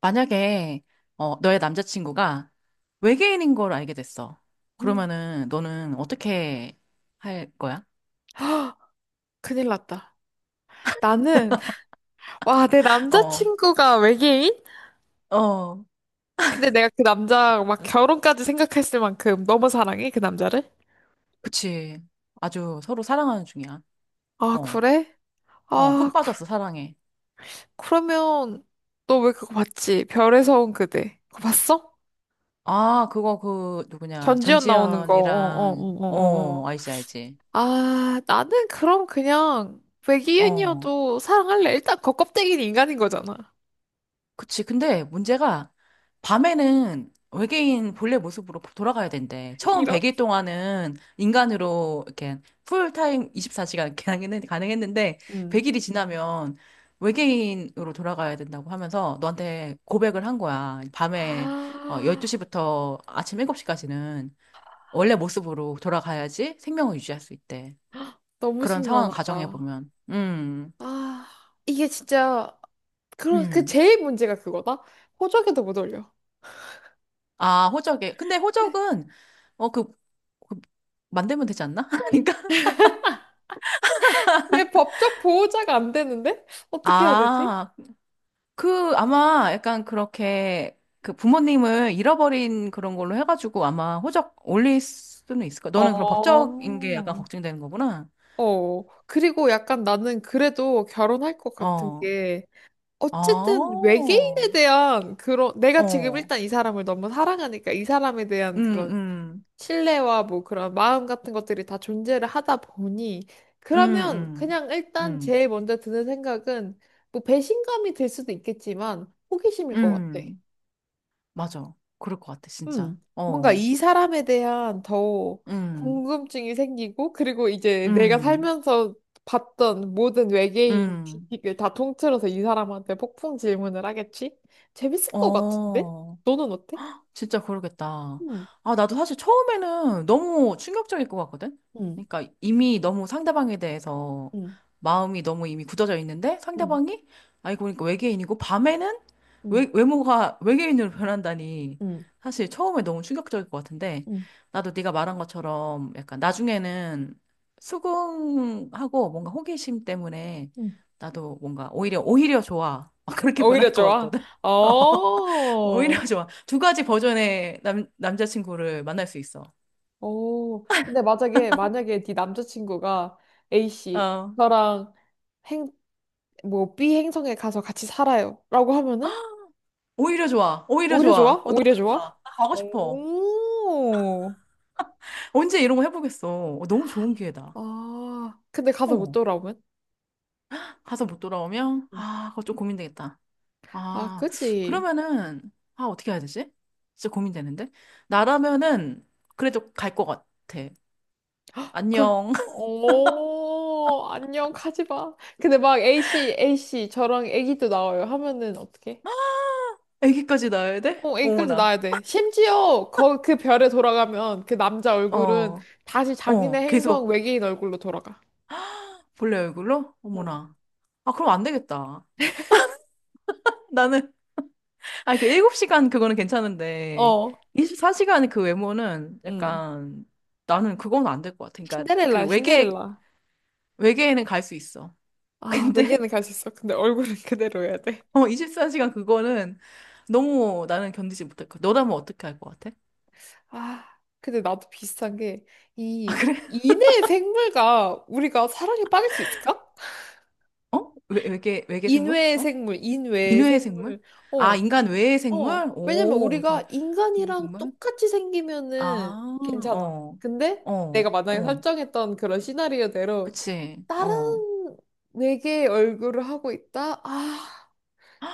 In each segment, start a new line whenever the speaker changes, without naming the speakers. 만약에 너의 남자친구가 외계인인 걸 알게 됐어.
음.
그러면은 너는 어떻게 할 거야?
큰일 났다. 나는, 와, 내
어,
남자친구가 외계인?
어,
근데 내가 그 남자 막 결혼까지 생각했을 만큼 너무 사랑해, 그 남자를?
그치. 아주 서로 사랑하는 중이야.
아,
어,
그래?
어,
아,
푹
그,
빠졌어, 사랑해.
그러면 너 왜 그거 봤지? 별에서 온 그대. 그거 봤어?
아, 그거 그 누구냐?
전지현 나오는 거. 어, 어,
전지현이랑
어, 어, 어. 어.
알지, 알지.
아, 나는 그럼 그냥
어.
외계인이어도 사랑할래. 일단 그 껍데기는 인간인 거잖아.
그치. 근데 문제가 밤에는 외계인 본래 모습으로 돌아가야 된대. 처음
이런?
100일 동안은 인간으로 이렇게 풀타임 24시간 가능했는데
음.
100일이 지나면 외계인으로 돌아가야 된다고 하면서 너한테 고백을 한 거야. 밤에
아,
12시부터 아침 7시까지는 원래 모습으로 돌아가야지 생명을 유지할 수 있대.
너무
그런 상황을 가정해
심란하다.
보면. 음.
아, 이게 진짜, 그
음.
제일 문제가 그거다? 호적에도 못 올려.
아, 호적에. 근데
내,
호적은, 어, 그, 그 만들면 되지 않나? 그러니까.
내 법적 보호자가 안 되는데? 어떻게 해야 되지?
아, 아마 약간 그렇게, 그 부모님을 잃어버린 그런 걸로 해가지고 아마 호적 올릴 수는 있을 거야. 너는 그럼
어.
법적인 게 약간 걱정되는 거구나.
어, 그리고 약간 나는 그래도 결혼할 것 같은
어,
게,
아,
어쨌든
어,
외계인에 대한 그런, 내가 지금 일단 이 사람을 너무 사랑하니까 이 사람에 대한
음,
그런
음,
신뢰와 뭐 그런 마음 같은 것들이 다 존재를 하다 보니
음,
그러면
음,
그냥 일단
음,
제일 먼저 드는 생각은 뭐 배신감이 들 수도 있겠지만 호기심일 것 같아.
음, 맞아. 그럴 것 같아, 진짜.
음. 뭔가
어,
이 사람에 대한 더
음,
궁금증이 생기고 그리고 이제 내가
음,
살면서 봤던 모든 외계인
음,
지식을 다 통틀어서 이 사람한테 폭풍 질문을 하겠지? 재밌을 것 같은데?
어.
너는 어때?
진짜 그러겠다.
음,
아, 나도 사실 처음에는 너무 충격적일 것 같거든?
음,
그러니까 이미 너무 상대방에 대해서
음,
마음이 너무 이미 굳어져 있는데
음,
상대방이, 아이고, 그러니까 외계인이고 밤에는
음,
외모가 외계인으로 변한다니.
음,
사실 처음에 너무 충격적일 것 같은데
음,
나도 네가 말한 것처럼 약간 나중에는 수긍하고 뭔가 호기심 때문에
음.
나도 뭔가 오히려 좋아. 그렇게
오히려
변할 것
좋아?
같거든? 오히려
어,
좋아. 두 가지 버전의 남자친구를 만날 수 있어.
오. 근데 만약에, 만약에 네 남자친구가 A씨,
어,
저랑 행, 뭐 B 행성에 가서 같이 살아요. 라고 하면은?
오히려 좋아. 오히려
오히려 좋아?
좋아. 어,
오히려
너무 좋다.
좋아?
나 가고 싶어.
오,
언제 이런 거 해보겠어. 어, 너무 좋은 기회다.
아, 근데 가서 못
어,
돌아오면?
가서 못 돌아오면, 아, 그거 좀 고민되겠다.
아,
아,
그치.
그러면은, 아, 어떻게 해야 되지? 진짜 고민되는데? 나라면은, 그래도 갈 것 같아.
그럼,
안녕.
오, 안녕, 가지 마. 근데 막 A씨, A씨, 저랑 애기도 나와요. 하면은 어떡해?
애기까지 낳아야 돼?
어, 애기까지
어머나.
낳아야 돼. 심지어 그 별에 돌아가면 그 남자 얼굴은
어,
다시 자기네
어,
행성
계속
외계인 얼굴로 돌아가.
본래 얼굴로?
응.
어머나. 아, 그럼 안 되겠다. 나는 아, 그 7시간 그거는 괜찮은데,
어.
24시간 그 외모는
응.
약간, 나는 그건 안 될 것 같아.
신데렐라야, 신데렐라.
외계에는 갈 수 있어.
아,
근데,
외계인은 갈 수 있어. 근데 얼굴은 그대로여야 돼.
어, 24시간 그거는 너무 나는 견디지 못할 것 같아. 너라면 어떻게 할 것 같아?
아, 근데 나도 비슷한 게,
아,
이,
그래?
인외 생물과 우리가 사랑에 빠질 수 있을까?
어? 외계 생물?
인외
어?
생물, 인외
인외의 생물?
생물.
아,
어,
인간 외의 생물?
어, 왜냐면
오, 되게,
우리가
외의
인간이랑
생물?
똑같이 생기면은
아,
괜찮아.
어,
근데 내가
어,
만약에
어.
설정했던 그런 시나리오대로
그치,
다른
어.
외계의 얼굴을 하고 있다? 아,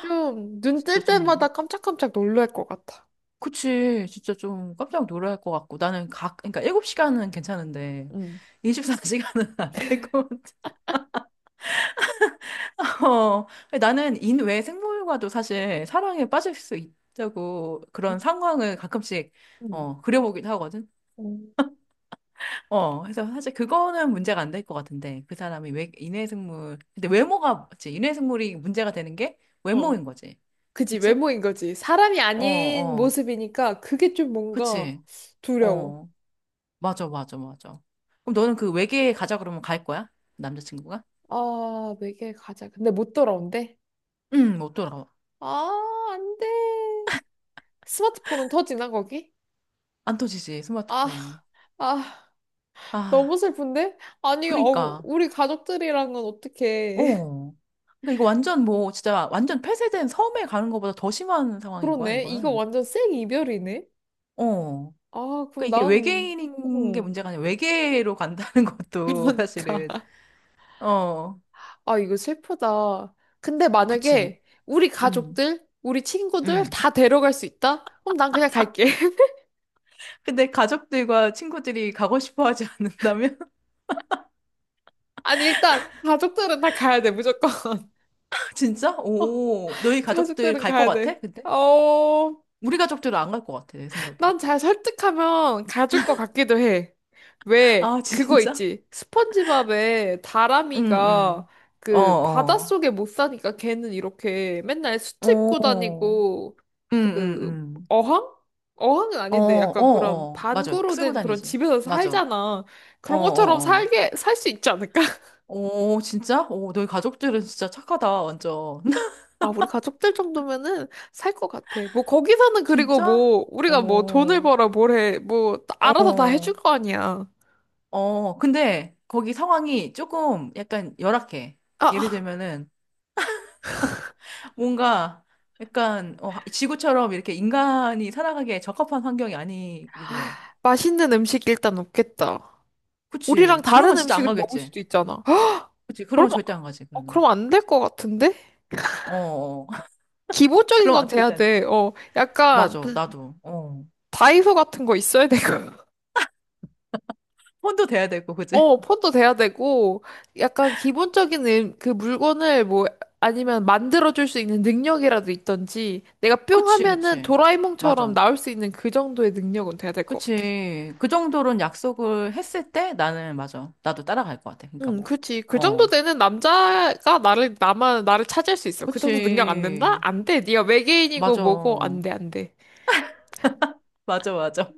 좀 눈
진짜
뜰
좀
때마다 깜짝깜짝 놀랄 것 같아.
그치. 진짜 좀 깜짝 놀랄 것 같고. 그러니까 7시간은 괜찮은데,
응.
24시간은 안 될 것 같아. 어, 나는 인외 생물과도 사실 사랑에 빠질 수 있다고 그런
응
상황을 가끔씩, 어,
응
그려보기도 하거든.
응
어, 그래서 사실 그거는 문제가 안 될 것 같은데, 그 사람이 왜 인외 생물, 근데 외모가, 그치. 인외 생물이 문제가 되는 게 외모인
어.
거지.
그지,
그치?
외모인 거지. 사람이
어,
아닌
어.
모습이니까 그게 좀 뭔가
그치.
두려워.
어. 맞아, 맞아, 맞아. 그럼 너는 그 외계에 가자 그러면 갈 거야? 남자친구가?
아, 외계 가자. 근데 못 돌아온대?
응, 못 돌아와.
아, 안 돼. 스마트폰은 터지나, 거기?
안 터지지,
아,
스마트폰이.
아, 너무
아,
슬픈데? 아니, 어,
그니까.
우리 가족들이랑은 어떻게.
어. 그러니까 이거 완전 뭐, 진짜 완전 폐쇄된 섬에 가는 것보다 더 심한 상황인 거야,
그러네. 이거
이거는.
완전 생 이별이네?
어.
아,
그러니까
그럼
이게
난,
외계인인 게
어,
문제가 아니라 외계로 간다는 것도
그러니까.
사실은. 어,
아, 이거 슬프다. 근데
그치.
만약에 우리
응.
가족들, 우리 친구들
응.
다 데려갈 수 있다? 그럼 난 그냥 갈게.
근데 가족들과 친구들이 가고 싶어 하지 않는다면?
아니, 일단, 가족들은 다 가야 돼, 무조건.
진짜?
어,
오, 너희 가족들
가족들은
갈 것
가야 돼.
같아? 근데?
어,
우리 가족들은 안 갈 것 같아, 내 생각에.
난 잘 설득하면 가줄 것 같기도 해. 왜?
아,
그거
진짜?
있지. 스펀지밥에
응,
다람이가
응. 어,
그
어.
바닷속에 못 사니까 걔는 이렇게 맨날 수트 입고
어, 응,
다니고
응,
그
응.
어항? 어항은
어,
아닌데
어,
약간 그런
어. 맞아.
반구로
쓰고
된 그런
다니지.
집에서
맞아. 어,
살잖아.
어,
그런 것처럼
어.
살게 살 수 있지 않을까?
오, 진짜? 오, 너희 가족들은 진짜 착하다, 완전.
아, 우리 가족들 정도면은 살 것 같아. 뭐 거기서는 그리고
진짜?
뭐 우리가 뭐 돈을
어,
벌어 뭘 해. 뭐 알아서 다 해줄
어,
거 아니야.
어. 근데 거기 상황이 조금 약간 열악해. 예를
아,
들면은 뭔가 약간 지구처럼 이렇게 인간이 살아가기에 적합한 환경이 아니기도 해.
맛있는 음식 일단 없겠다.
그치.
우리랑
그러면
다른
진짜 안
음식을 먹을
가겠지.
수도 있잖아. 헉,
그치. 그러면
그럼,
절대 안 가지,
어,
그러면.
그럼 안 될 것 같은데?
어, 어.
기본적인
그럼
건
안-
돼야
절대 안 되지.
돼. 어, 약간
맞아, 나도. 어.
다이소 같은 거 있어야 되고.
혼도 돼야 되고, 그치?
어, 폰도 돼야 되고. 약간 기본적인 그 물건을 뭐, 아니면 만들어줄 수 있는 능력이라도 있던지, 내가 뿅
그치,
하면은
그치.
도라에몽처럼
맞아.
나올 수 있는 그 정도의 능력은 돼야 될 것 같아.
그치. 그 정도로는 약속을 했을 때 나는, 맞아. 나도 따라갈 것 같아. 그러니까
응,
뭐.
그치. 그 정도
어.
되는 남자가 나를, 나만, 나를 차지할 수 있어. 그 정도 능력 안 된다?
그치.
안 돼. 네가 외계인이고
맞아.
뭐고, 안 돼, 안 돼.
맞아, 맞아.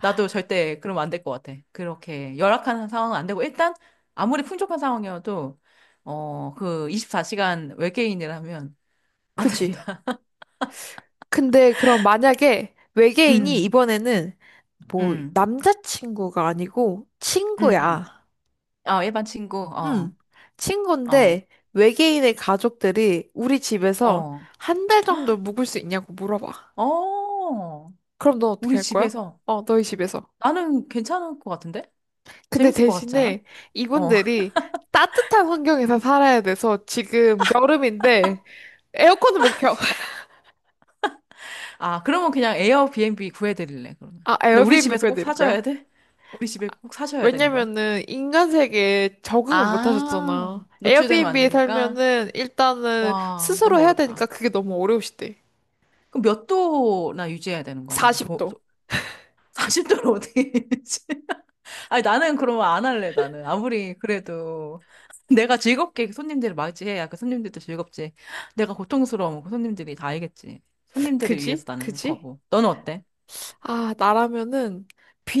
나도 절대 그러면 안 될 것 같아. 그렇게 열악한 상황은 안 되고, 일단, 아무리 풍족한 상황이어도, 어, 그 24시간 외계인이라면 안
그지?
된다.
근데 그럼 만약에 외계인이
음,
이번에는 뭐
음,
남자친구가 아니고
음.
친구야.
어, 일반 친구, 어,
응.
어,
친구인데 외계인의 가족들이 우리 집에서
어,
한 달 정도 묵을 수 있냐고 물어봐.
어.
그럼 넌 어떻게
우리
할 거야?
집에서
어, 너희 집에서.
나는 괜찮을 것 같은데?
근데
재밌을 것 같지 않아?
대신에
어.
이분들이 따뜻한 환경에서 살아야 돼서 지금 여름인데 에어컨을 못 켜.
아, 그러면 그냥 에어비앤비 구해드릴래, 그러면.
아,
근데 우리
에어비앤비
집에서 꼭
보여드릴
사줘야
거야?
돼? 우리 집에 꼭 사줘야 되는 거야?
왜냐면은 인간 세계에 적응을 못
아,
하셨잖아.
노출되면 안
에어비앤비에
되니까?
살면은 일단은
와,
스스로
너무
해야
어렵다.
되니까 그게 너무 어려우시대.
그럼 몇 도나 유지해야 되는 거야, 그럼? 도,
40도.
40도로 어떻게 유지? 아니, 나는 그러면 안 할래, 나는. 아무리 그래도 내가 즐겁게 손님들을 맞이해야 그 손님들도 즐겁지. 내가 고통스러우면 그 손님들이 다 알겠지. 손님들을 위해서
그지?
나는
그지?
거고. 너는 어때?
아, 나라면은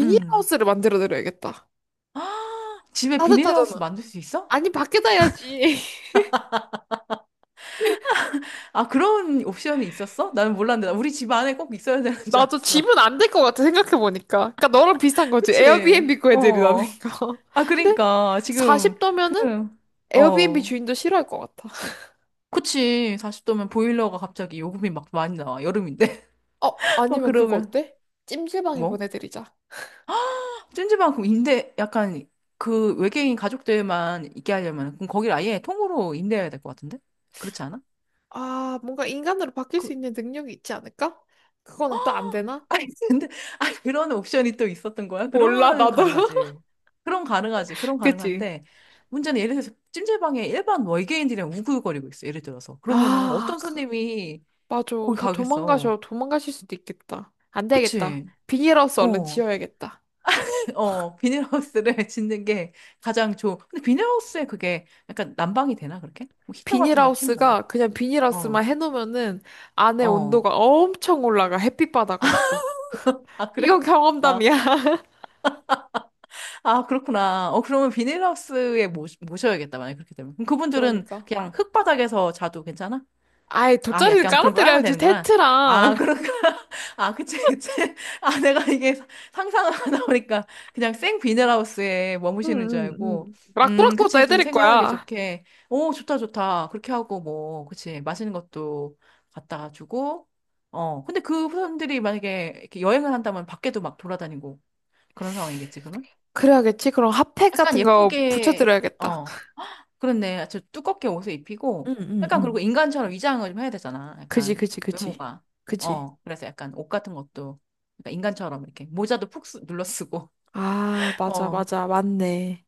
음.
만들어 드려야겠다.
집에
따뜻하잖아.
비닐하우스 만들 수 있어?
아니, 밖에다 해야지.
아, 그런 옵션이 있었어? 나는 몰랐는데. 나 우리 집 안에 꼭 있어야 되는 줄
나도
알았어.
집은 안 될 것 같아, 생각해보니까. 그러니까 너랑 비슷한 거지.
그치?
에어비앤비 구해드리라는
어.
거.
아,
근데
그러니까 지금 그
40도면은 에어비앤비
어.
주인도 싫어할 것 같아.
그치. 40도면 보일러가 갑자기 요금이 막 많이 나와. 여름인데.
어,
막
아니면 그거
그러면
어때? 찜질방에
뭐?
보내드리자.
찜질방 그럼 임대 약간 그 외계인 가족들만 있게 하려면 그럼 거기를 아예 통으로 임대해야 될 것 같은데? 그렇지 않아?
아, 뭔가 인간으로 바뀔 수
그
있는 능력이 있지 않을까? 그거는 또 안 되나?
아니 근데 아 그런 옵션이 또 있었던 거야?
몰라,
그러면은
나도.
가능하지. 그럼 가능하지. 그럼
그치?
가능한데 문제는 예를 들어서 찜질방에 일반 외계인들이랑 우글거리고 있어. 예를 들어서 그러면은
아,
어떤
그,
손님이
맞아.
거기
다
가겠어?
도망가셔. 도망가실 수도 있겠다. 안 되겠다.
그치?
비닐하우스 얼른
어,
지어야겠다.
어, 비닐하우스를 짓는 게 가장 좋. 근데 비닐하우스에 그게 약간 난방이 되나 그렇게? 뭐 히터 같은 걸 켜는 건가?
비닐하우스가 그냥
어,
비닐하우스만 해놓으면은 안에
어.
온도가 엄청 올라가. 햇빛 받아가지고.
아,
이건
그래? 아,
경험담이야.
아, 그렇구나. 어, 그러면 비닐하우스에 모셔야겠다, 만약에 그렇게 되면. 그럼 그분들은
그러니까.
그냥 흙바닥에서 자도 괜찮아?
아이,
아,
돗자리는
약간 그런 거 알면
깔아드려야지,
되는구나.
텐트랑.
아, 그런가? 아, 그치, 그치. 아, 내가 이게 사- 상상을 하다 보니까 그냥 생 비닐하우스에
응,
머무시는 줄
응, 응.
알고.
라꾸라꾸도
그치. 좀
해드릴
생활하기
거야.
좋게. 오, 좋다, 좋다. 그렇게 하고 뭐, 그치. 맛있는 것도 갖다가 주고. 어, 근데 그 사람들이 만약에 이렇게 여행을 한다면 밖에도 막 돌아다니고 그런 상황이겠지, 그러면?
그래야겠지? 그럼 핫팩
약간
같은 거
예쁘게,
붙여드려야겠다.
어, 그렇네. 저 두껍게 옷을 입히고,
응, 응,
약간 그리고
응.
인간처럼 위장을 좀 해야 되잖아.
그지,
약간
그지, 그지.
외모가.
그지.
어, 그래서 약간 옷 같은 것도 약간 인간처럼 이렇게 모자도 눌러 쓰고.
아, 맞아, 맞아. 맞네.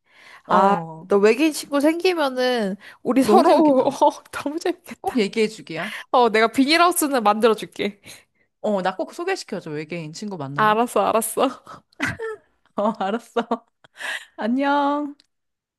어,
아,
어.
너 외계인 친구 생기면은 우리
너무
서로,
재밌겠다.
어, 너무
꼭
재밌겠다.
얘기해 주기야.
어, 내가 비닐하우스는 만들어줄게.
어, 나 꼭 소개시켜줘. 외계인 친구 만나면.
알았어, 알았어.
어, 알았어. 안녕.